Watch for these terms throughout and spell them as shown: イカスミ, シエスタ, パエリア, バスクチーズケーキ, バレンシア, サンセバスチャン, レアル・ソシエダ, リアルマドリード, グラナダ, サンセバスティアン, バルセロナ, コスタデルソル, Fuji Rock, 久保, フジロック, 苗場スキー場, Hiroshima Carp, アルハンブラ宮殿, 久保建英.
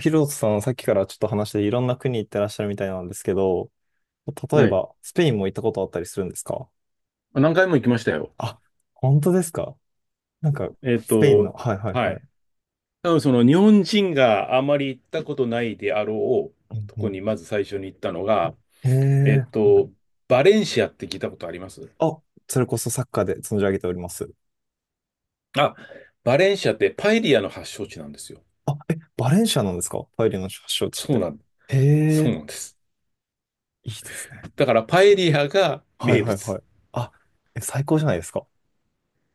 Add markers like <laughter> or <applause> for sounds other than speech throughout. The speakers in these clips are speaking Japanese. ヒロトさん、さっきからちょっと話していろんな国行ってらっしゃるみたいなんですけど、例えはい。ば、スペインも行ったことあったりするんですか？何回も行きましたよ。あ、本当ですか？なんか、えっスペインの、と、はいはいははい。い。多分その日本人があまり行ったことないであろううんとうこん、にまず最初に行ったのが、へえっえ、はと、い。バレンシアって聞いたことあります？あ、それこそサッカーで存じ上げております。あ、バレンシアってパエリアの発祥地なんですよ。あ、え、バレンシアなんですか？パエリアの発祥地っそうて。なん、へそうえ、なんです。いいですね。だからパエリアがはい名はい物。はい。あ、え、最高じゃないですか。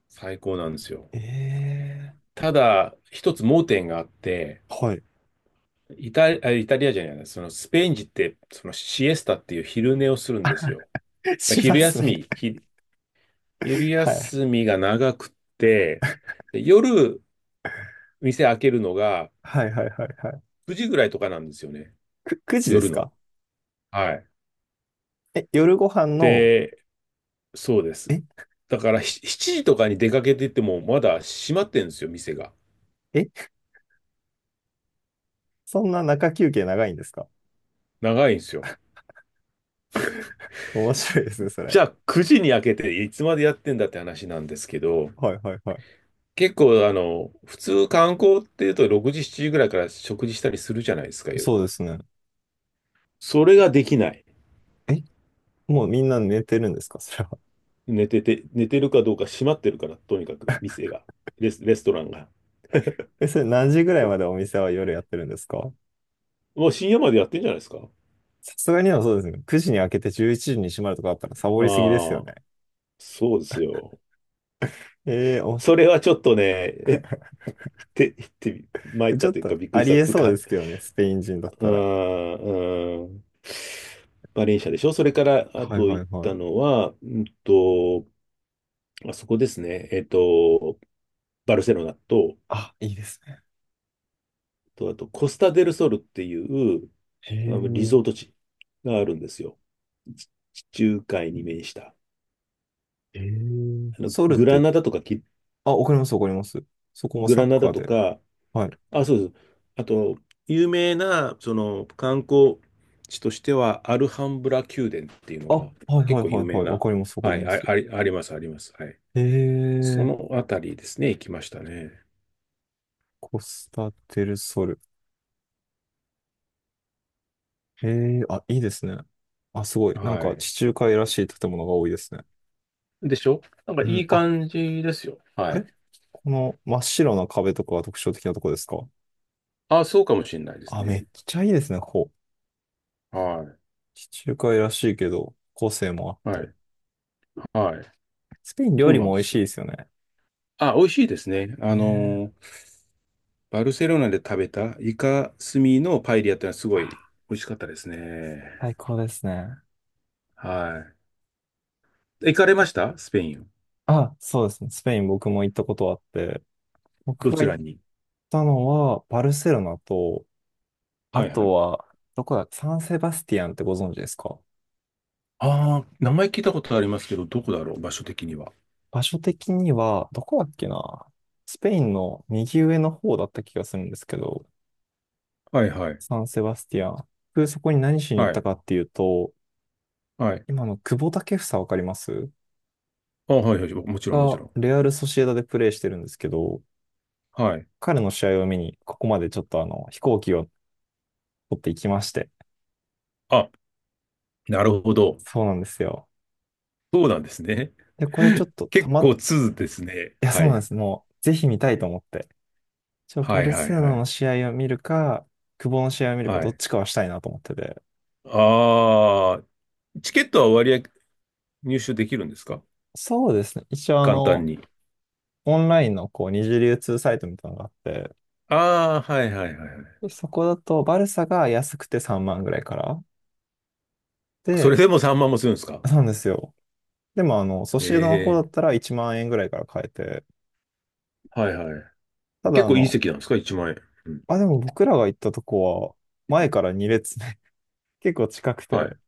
最高なんですよ。ええ、ただ、一つ盲点があって、はい。イタリアじゃない、そのスペイン人って、そのシエスタっていう昼寝をするんですよ。<laughs> まあ、しますね。昼はい。休みが長くって、で夜、店開けるのがはいはいはいはい。9時ぐらいとかなんですよね。く、9時です夜の。か？はい。え、夜ご飯の、で、そうです。え、だから7時とかに出かけてってもまだ閉まってんですよ、店が。え、そんな中休憩長いんですか？ 長いんですよ。<laughs> 面白いですね、それ。じゃあ9時に開けていつまでやってんだって話なんですけど、はいはいはい。結構普通観光っていうと6時、7時ぐらいから食事したりするじゃないですか、そ夜。うですね。それができない。え、もうみんな寝てるんですか？ <laughs> それは。寝てて、寝てるかどうか閉まってるから、とにかく店が、レストランが。え、それ何時ぐらいまでお店は夜やってるんですか？もう深夜までやってんじゃないですか？さすがにはそうですね。9時に開けて11時に閉まるとかだったらサボりすぎですよあね。あ、そうですよ。ええー、面白それはちょっとね、えって、って、参い。っちたょっというかとびっくありしりたっえつうそうか、ですけどね、スペイン人だっうたら。ん、うん。バレンシアでしょ、それから、あはいとは行いっはたい。のは、あそこですね。バルセロナと、あ、いいですね。あと、コスタデルソルっていう、へリえ、ゾート地があるんですよ。地中海に面した。へえ。あの、ソウルっグラて、ナダとかキ、あ、わかりますわかります。そこもグサラッナカダーとで。か、はい。あ、そうです。あと、有名な、その、観光地としては、アルハンブラ宮殿っていうのあ、はが、い結はいはい構有名はい。わな、かりますわかはりい、ます。あ、あり、あります、あります。はい。へ、そのあたりですね、行きましたね。コスタデルソル。へ、あ、いいですね。あ、すごい。なんはかい。地中海らしい建物が多いですね。でしょ、なんかういん、いあ、感じですよ。あはれ、い。この真っ白な壁とかが特徴的なとこですか？あ、そうかもしれないですあ、めね。っちゃいいですね、ここ。は地中海らしいけど、個性もあっい。はて。い。はい。スペイン料そう理なんもで美味すしいよ。ですよね。あ、美味しいですね。ねあの、え。バルセロナで食べたイカスミのパエリアってのはすごい美あ、味しかったですね。最高ですね。はい。行かれましたスペイン？あ、そうですね。スペイン僕も行ったことあって、ど僕がち行らっに？たのは、バルセロナと、あはいはい。とは、どこだ、サンセバスティアンってご存知ですか？ああ、名前聞いたことありますけど、どこだろう、場所的には。場所的には、どこだっけな。スペインの右上の方だった気がするんですけど、はいはい。サンセバスティアン。僕、そこに何しに行っはたい。かっていうと、はい。今の久保建英わかります？あ、はいはい。もちろんもちが、ろん。レアル・ソシエダでプレーしてるんですけど、はい。彼の試合を見に、ここまでちょっと飛行機を取っていきまして。あ、なるほど。そうなんですよ。そうなんですね。で、これちょっ <laughs> とた結ま、構通ですね。いや、そはうなんでい。す。もう、ぜひ見たいと思って。一応はバいルはいセロナはのい。試合を見るか、久保の試合を見るか、はどっい。ちかはしたいなと思ってて。ああ、チケットは割合入手できるんですか？そうですね。一応あ簡単の、に。オンラインのこう、二次流通サイトみたいなのがあって、ああ、はいはいはいはい。でそこだとバルサが安くて3万ぐらいから。そで、れでも3万もするんですか？なんですよ。でも、ソシエダの方だえっえ、たら1万円ぐらいから買えて。はいはい。ただ結あ構いいの、席なんですか ?1万円。うん。あ、でも僕らが行ったとこは、前から2列ね。 <laughs> 結構近くはい。て。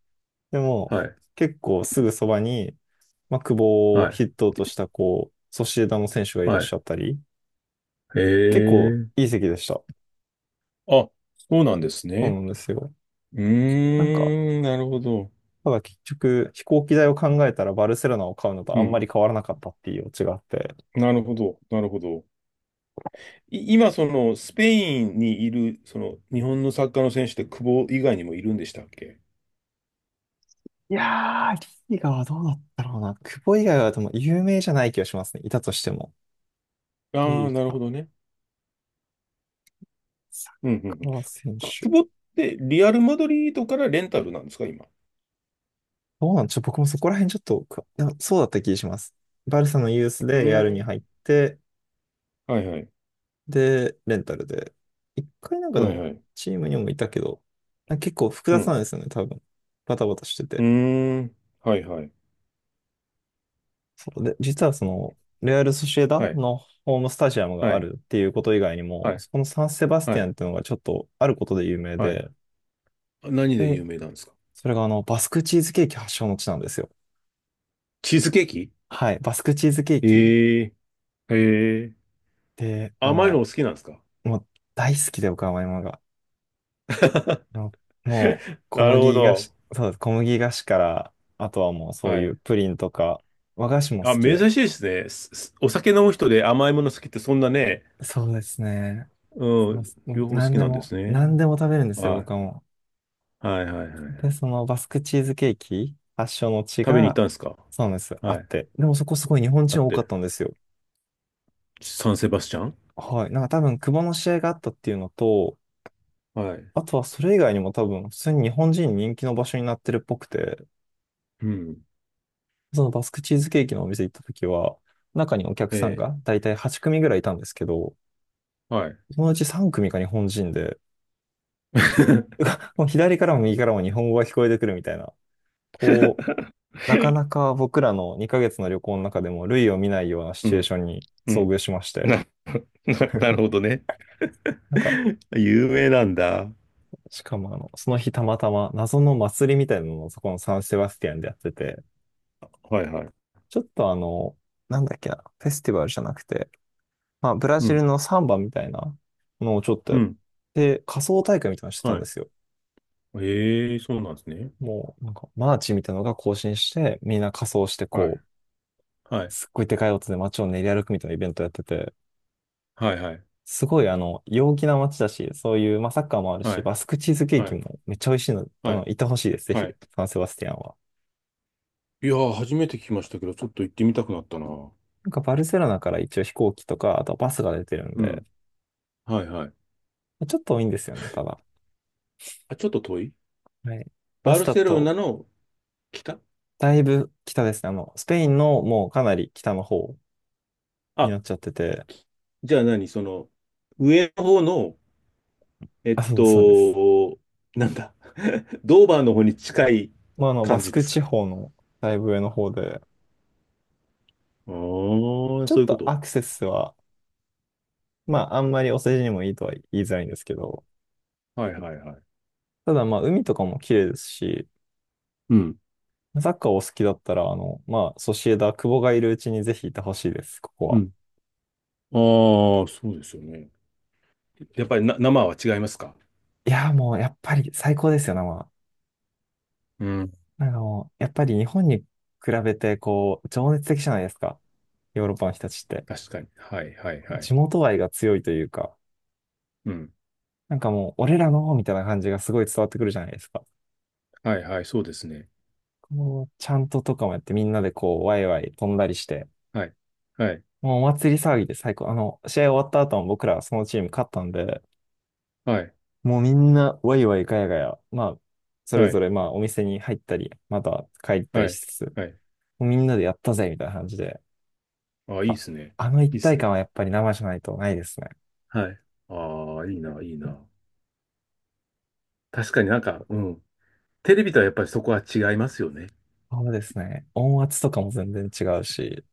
でも、はい、結構すぐそばに、まあ、久保をはい、筆頭としたこう、ソシエダの選手がいらっはい。しゃったり、へ結構え。いい席でした。あ、そうなんですそうなね。んですよ。うなんか、ーん、なるほど。ただ結局、飛行機代を考えたらバルセロナを買うのとうあんまん、り変わらなかったっていうオチがあって。なるほど、なるほど。今、その、スペインにいる、その、日本のサッカーの選手って久保以外にもいるんでしたっけ？いやー、リーガはどうだったろうな。久保以外はでも有名じゃない気がしますね。いたとしても。ああリー、ーなるガ、ほどね。サッうん、うん。うん、カー選手。久保って、リアルマドリードからレンタルなんですか、今？どうなんちょ、僕もそこら辺ちょっとでそうだった気がします。バルサのユースうでレアルにーん、入って、はいはい、で、レンタルで。一回なんかではいはも、い。チームにもいたけど、なんか結構複う雑なん、んですよね、多分。バタバタしてうて。ーん、はいはい、で、実はその、レアル・ソシエはダい、のホームスタジアムがはあい、るっていうこと以外にはも、い、そこのサン・セバスはティアい、ンっていうのがちょっとあることで有名はい。で、何でで、有名なんですか？それがバスクチーズケーキ発祥の地なんですよ。チーズケーキ？はい、バスクチーズケーキ。ええ、へえ。で、あ甘いのの、お好きなんですか？ もう大好きで、岡山山が。あ <laughs> のもう、なるほど。小麦菓子から、あとはもうそうはいい。うプリンとか、和菓子も好あ、きで。珍しいですね。お酒飲む人で甘いもの好きってそんなね、そうですね。うそうでん、すもう両方好何きでなんでも、すね。何でも食べるんですよ、はい。僕はもう。はいはいはいはい。で、そのバスクチーズケーキ発祥の地食べに行っが、たんですか？そうなんです、あはっい。て。でもそこすごい日本あ人っ多かって。たんですよ。サンセバスチャン？はい。なんか多分、久保の試合があったっていうのと、はい。あとはそれ以外にも多分、普通に日本人に人気の場所になってるっぽくて、うん。そのバスクチーズケーキのお店行った時は、中にお客さんえが大体8組ぐらいいたんですけど、え。はい。そのうち3組が日本人で、もう左からも右からも日本語が聞こえてくるみたいな、こなか <laughs> なか僕らの2ヶ月の旅行の中でも類を見ないようなシうチュエーん。ションにう遭ん。遇しまして、な、<laughs> なるほどね。なんか、<laughs> 有名なんだ。しかもその日たまたま謎の祭りみたいなのをそこのサンセバスティアンでやってて、はいはい。ちょっとあの、なんだっけな、フェスティバルじゃなくて、まあ、ブラうジルん。のサンバみたいなのをちょっとうやっん。て、仮装大会みたいなのしてたはんい。ですよ。ええ、そうなんですね。もう、なんか、マーチみたいなのが行進して、みんな仮装してはい。こう、はい。すっごいでかい音で街を練り歩くみたいなイベントやってて、はいはい。すごい陽気な街だし、そういう、まあ、サッカーもあるはし、い。バスクチーズケーはキい。もめっちゃ美味しいので、はい。行ってほしいです、ぜひ、はい。サンセバスティアンは。いやー、初めて聞きましたけど、ちょっと行ってみたくなったな。なんかバルセロナから一応飛行機とか、あとバスが出てるんうで、ん。はいはい。ちょっと多いんですよね、ただ。あ、ちょっと遠い？はい。ババスルだセロナと、の北？だいぶ北ですね。スペインのもうかなり北の方にあ、なっちゃってて、じゃあ何、その、上の方の、えっあ、そうそうです。と、なんだ、 <laughs> ドーバーの方に近いまあ、バ感スじでクす地か？方のだいぶ上の方で、ああー、ちょそっういうことと。アクセスは、まあ、あんまりお世辞にもいいとは言いづらいんですけど、はいはいはい。ただまあ、海とかも綺麗ですし、うん。サッカーお好きだったら、まあ、ソシエダ、久保がいるうちにぜひいてほしいです、ここうは。ん。ああ、そうですよね。やっぱりな、生は違いますか？いやー、もう、やっぱり最高ですよね、まあうん、なんかもう、やっぱり日本に比べて、こう、情熱的じゃないですか。ヨーロッパの人たちって。確かに。はいはいは地い。元愛が強いというか、うん。なんかもう、俺らの、みたいな感じがすごい伝わってくるじゃないですか。はいはい、そうですね。こう、ちゃんととかもやって、みんなでこう、ワイワイ飛んだりして、はい。はい。もうお祭り騒ぎで最高。試合終わった後も僕らそのチーム勝ったんで、はい。もうみんな、ワイワイガヤガヤ、まあ、そはれぞい。れ、まあ、お店に入ったり、また帰ったはりい。しつつ、もはい。うみんなでやったぜ、みたいな感じで。あ、いいですね。あの一いいで体す感ね。はやっぱり生じゃないとないですね。はい。ああ、いいな、いいな。確かになんか、うん。テレビとはやっぱりそこは違いますよね。そうですね。音圧とかも全然違うし、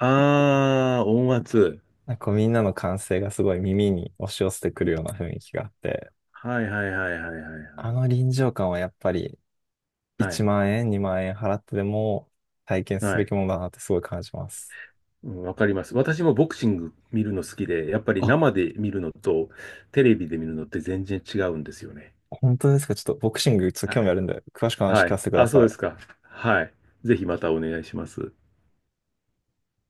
ああ、音圧。なんかこうみんなの歓声がすごい耳に押し寄せてくるような雰囲気があって、はいはいはいはいはいはあい。の臨場感はやっぱりは1い。万円、2万円払ってでも体験すはべい。きものだなってすごい感じます。うん、わかります。私もボクシング見るの好きで、やっぱりあ、生で見るのとテレビで見るのって全然違うんですよね。本当ですか？ちょっとボクシングちょっと興味あるんで、詳しく話は聞かい。せてくだあ、そうさですい。か。はい。ぜひまたお願いします。